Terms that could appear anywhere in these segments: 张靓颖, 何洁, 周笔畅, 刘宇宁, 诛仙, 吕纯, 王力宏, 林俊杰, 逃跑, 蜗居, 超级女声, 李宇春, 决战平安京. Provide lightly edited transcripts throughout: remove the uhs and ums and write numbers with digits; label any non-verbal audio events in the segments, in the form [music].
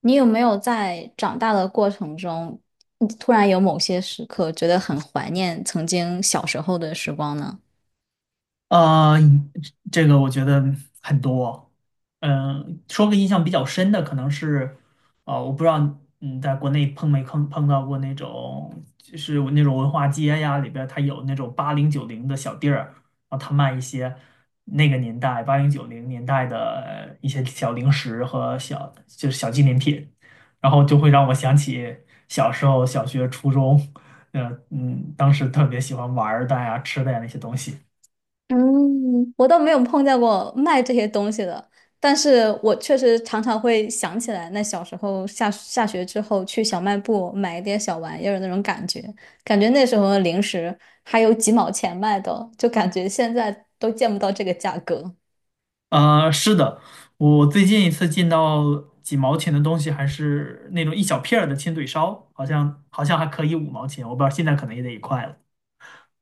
你有没有在长大的过程中，你突然有某些时刻觉得很怀念曾经小时候的时光呢？呃，这个我觉得很多。说个印象比较深的，可能是，我不知道。嗯，在国内碰没碰到过那种，就是那种文化街呀，里边儿它有那种八零九零的小店儿，然后他卖一些那个年代八零九零年代的一些小零食和小就是小纪念品，然后就会让我想起小时候小学、初中。当时特别喜欢玩儿的呀、吃的呀那些东西。嗯，我倒没有碰见过卖这些东西的，但是我确实常常会想起来，那小时候下学之后去小卖部买一点小玩意儿的那种感觉，感觉那时候的零食还有几毛钱卖的，就感觉现在都见不到这个价格。是的，我最近一次进到几毛钱的东西，还是那种一小片儿的亲嘴烧，好像还可以五毛钱，我不知道现在可能也得一块了。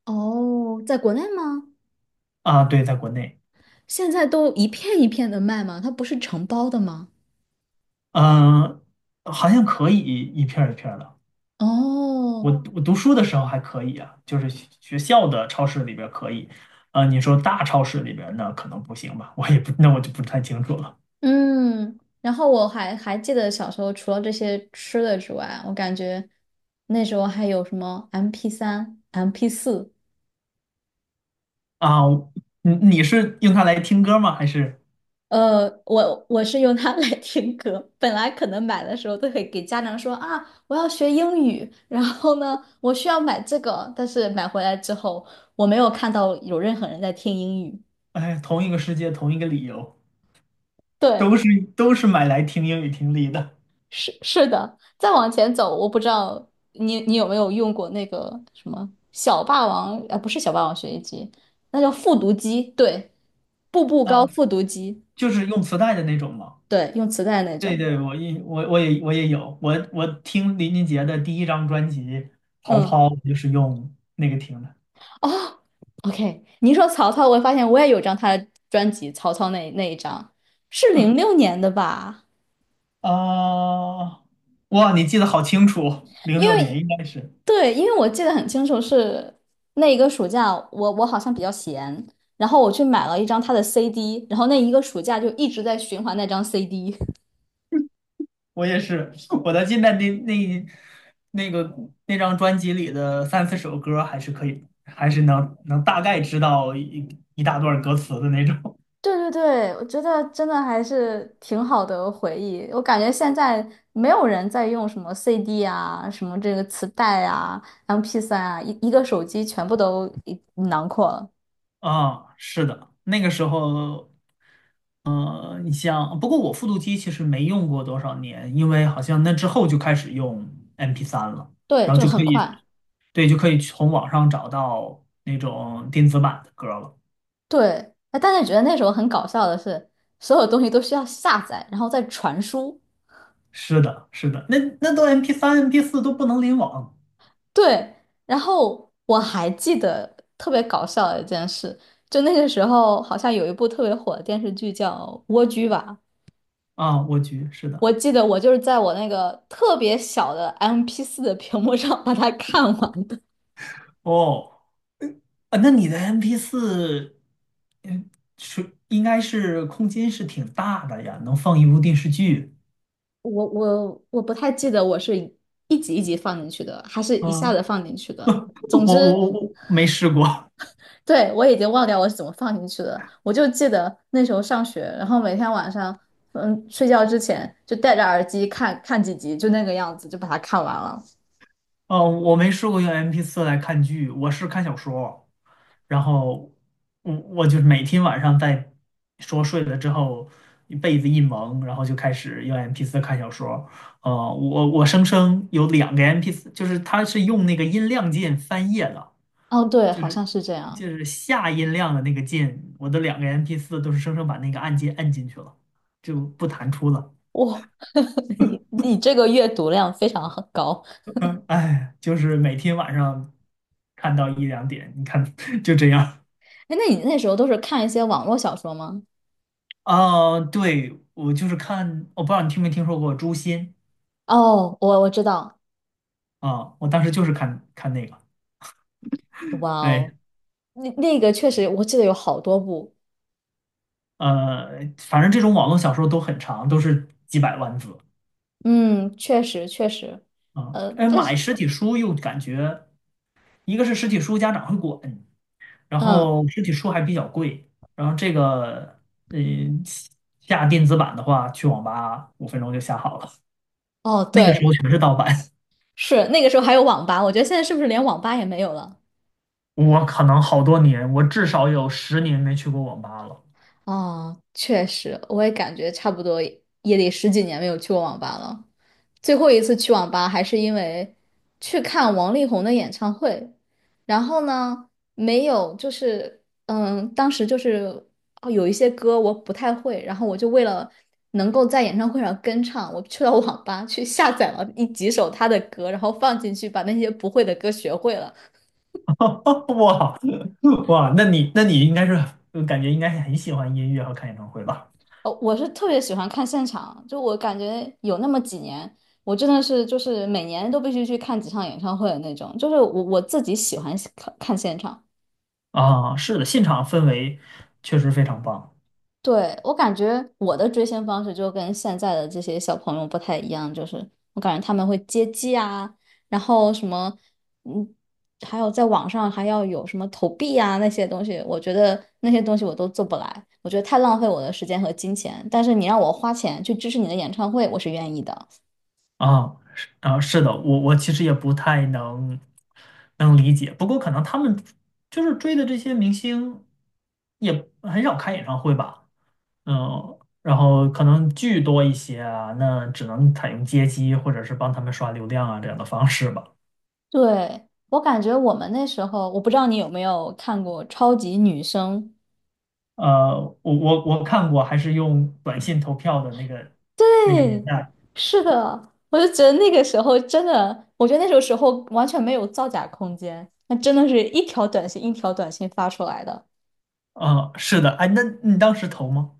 哦，在国内吗？啊，对，在国内。现在都一片一片的卖吗？它不是成包的吗？嗯、好像可以一片儿一片儿的。我哦，我读书的时候还可以啊，就是学校的超市里边儿可以。呃，你说大超市里边儿那可能不行吧，我也不，那我就不太清楚了。嗯，然后我还记得小时候，除了这些吃的之外，我感觉那时候还有什么 MP3、MP4，啊，你是用它来听歌吗？还是我是用它 [laughs] 来听歌。本来可能买的时候都会给家长说啊，我要学英语，然后呢，我需要买这个，但是买回来之后，我没有看到有任何人在听英语。哎，同一个世界，同一个理由？对，都是都是买来听英语听力的。 是的，再往前走，我不知道你有没有用过那个什么小霸王，不是小霸王学习机，那叫复读机，对，步 [laughs] 步高啊，复读机，就是用磁带的那种嘛。对，用磁带那对种，对，我也有，我听林俊杰的第一张专辑《逃嗯，跑》，我就是用那个听的。哦，OK，你一说曹操，我发现我也有张他的专辑，曹操那一张是06年的吧？啊，哇，你记得好清楚，零因六年为应该是对，因为我记得很清楚是那一个暑假，我好像比较闲，然后我去买了一张他的 CD，然后那一个暑假就一直在循环那张 CD。[laughs] 我也是。[laughs] 我的记得那那个那张专辑里的三四首歌还是可以，能大概知道一大段歌词的那种。对对对，我觉得真的还是挺好的回忆。我感觉现在没有人在用什么 CD 啊，什么这个磁带啊 MP3啊，一个手机全部都一囊括了。[laughs] 啊，是的，那个时候。你像，不过我复读机其实没用过多少年，因为好像那之后就开始用 MP3 了，对，然后就就可很以，快。对，就可以从网上找到那种电子版的歌了。对，哎，但是觉得那时候很搞笑的是，所有东西都需要下载，然后再传输。是的，是的，那那都 MP3、MP4 都不能联网。对，然后我还记得特别搞笑的一件事，就那个时候好像有一部特别火的电视剧叫《蜗居》吧，啊，我去，是我的。记得我就是在我那个特别小的 MP4的屏幕上把它看完的。哦，啊，那你的 MP4,嗯，呃是应该是空间是挺大的呀，能放一部电视剧。我不太记得我是一集一集放进去的，还是一下嗯，子放进去的。我总我之。我我没试过。对，我已经忘掉我是怎么放进去的，我就记得那时候上学，然后每天晚上，嗯，睡觉之前就戴着耳机看看几集，就那个样子，就把它看完了。哦，我没试过用 m p 四来看剧，我是看小说，然后我就是每天晚上说睡了之后，被子一蒙，然后就开始用 m p 四看小说。呃，我生生有两个 m p 四，就是它是用那个音量键翻页的，哦，对，就好是像是这就样。是下音量的那个键，我的两个 m p 四都是生生把那个按键按进去了，就不弹出了。哇，[laughs] 你这个阅读量非常很高。[laughs] 嗯，哎，就是每天晚上看到一两点，你看 [laughs] 就这样。哎，那你那时候都是看一些网络小说吗？啊，对，我就是看，我不知道你听没听说过诛仙。哦，我知道。啊，我当时就是看那个。哇哎，哦，那个确实，我记得有好多部。呃，反正这种网络小说都很长，都是几百万字嗯，确实确实。啊。哎，但是买实体书又感觉，一个是实体书家长会管，然嗯，后实体书还比较贵，然后这个，呃，下电子版的话，去网吧五分钟就下好了，哦，那个时对，候全是盗版。是那个时候还有网吧，我觉得现在是不是连网吧也没有了？[laughs] 我可能好多年，我至少有十年没去过网吧了。哦，确实，我也感觉差不多也得十几年没有去过网吧了。最后一次去网吧还是因为去看王力宏的演唱会，然后呢，没有就是当时就是哦有一些歌我不太会，然后我就为了能够在演唱会上跟唱，我去到网吧去下载了几首他的歌，然后放进去，把那些不会的歌学会了。[laughs] 哇，哇，那你应该是就感觉应该是很喜欢音乐和看演唱会吧？哦，我是特别喜欢看现场，就我感觉有那么几年，我真的是就是每年都必须去看几场演唱会的那种，就是我自己喜欢看看现场。啊，是的，现场氛围确实非常棒。对，我感觉我的追星方式就跟现在的这些小朋友不太一样，就是我感觉他们会接机啊，然后什么，嗯，还有在网上还要有什么投币啊那些东西，我觉得那些东西我都做不来，我觉得太浪费我的时间和金钱。但是你让我花钱去支持你的演唱会，我是愿意的。啊，是啊，是的，我我其实也不太能理解，不过可能他们就是追的这些明星也很少开演唱会吧。嗯，然后可能剧多一些啊，那只能采用接机或者是帮他们刷流量啊这样的方式吧。对，我感觉我们那时候，我不知道你有没有看过《超级女声》。我看过，还是用短信投票的那个那个年对，代。是的，我就觉得那个时候真的，我觉得那种时候完全没有造假空间，那真的是一条短信一条短信发出来的，啊，是的，哎，那你当时投吗？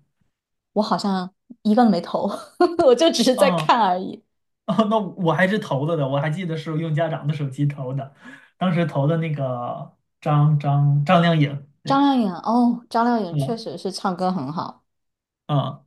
我好像一个没投，[laughs] 我就只是在啊，看而已。哦，那我还是投了的，我还记得是用家长的手机投的，当时投的那个张靓颖。张对，靓颖，哦，张靓颖确嗯实是唱歌很好，嗯，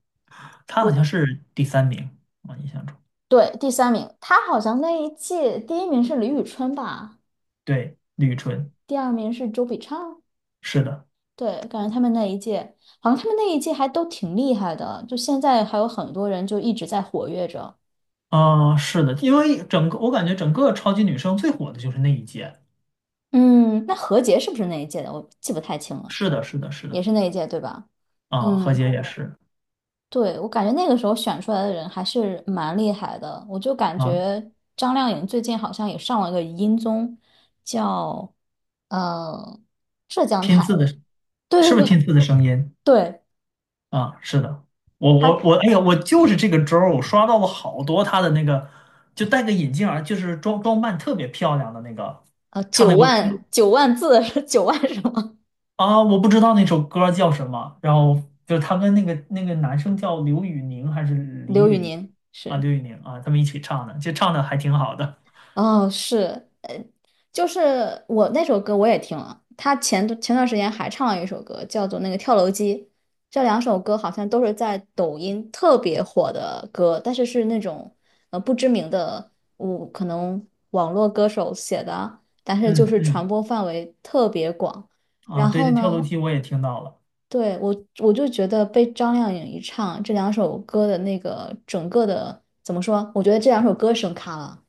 她好我像是第三名，我印象中。对第三名，她好像那一届第一名是李宇春吧，对，吕纯。第二名是周笔畅。是的。对，感觉他们那一届，好像他们那一届还都挺厉害的，就现在还有很多人就一直在活跃着。啊，是的，因为我感觉整个超级女声最火的就是那一届。嗯，那何洁是不是那一届的？我记不太清了，是的，是的，是也的。是那一届，对吧？啊，何嗯，洁也是。对，我感觉那个时候选出来的人还是蛮厉害的。我就感啊，觉张靓颖最近好像也上了个音综，叫呃浙江拼台字的，的。是对对不是天对赐的声音？对，啊？是的，我我她我，哎呀，我就是这个周儿我刷到了好多他的那个，就戴个眼镜儿，就是装扮特别漂亮的那个，唱九那个歌。万九万字 [laughs] 是九万什么？啊，我不知道那首歌叫什么，然后就是他跟那个男生叫刘宇宁还是李刘宇宇宁？宁啊？是。刘宇宁啊，他们一起唱的，就唱的还挺好的。哦，是，就是我那首歌我也听了，他前段时间还唱了一首歌，叫做那个《跳楼机》，这两首歌好像都是在抖音特别火的歌，但是是那种不知名的，我可能网络歌手写的，但是就嗯是传嗯，播范围特别广。啊，然对，后那跳楼呢，机我也听到了。对，就觉得被张靓颖一唱，这两首歌的那个整个的怎么说？我觉得这两首歌声卡了。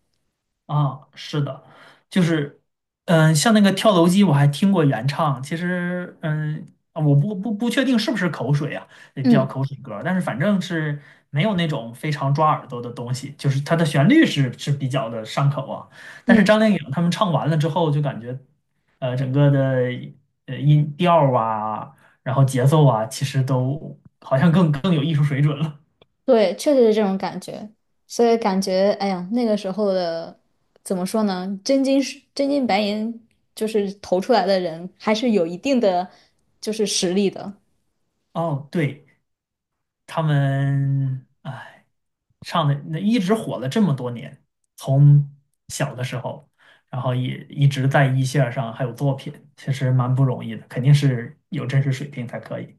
啊，是的，就是，嗯，像那个跳楼机，我还听过原唱。其实，嗯，啊，我不确定是不是口水啊，也比较嗯口水歌儿，但是反正是没有那种非常抓耳朵的东西，就是它的旋律是比较的上口啊。但是嗯。张靓颖他们唱完了之后，就感觉，呃，整个的呃音调儿啊，然后节奏啊，其实都好像更有艺术水准了。对，确实是这种感觉，所以感觉，哎呀，那个时候的怎么说呢？真金是真金白银，就是投出来的人，还是有一定的就是实力的。哦，对。他们哎唱的那一直火了这么多年，从小的时候，然后也一直在一线儿上还有作品，其实蛮不容易的，肯定是有真实水平才可以。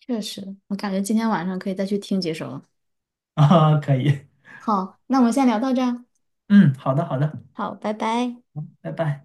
确实，我感觉今天晚上可以再去听几首了。[laughs] 啊，可以，好，那我们先聊到这儿。嗯，好的好的，好，拜拜。拜拜。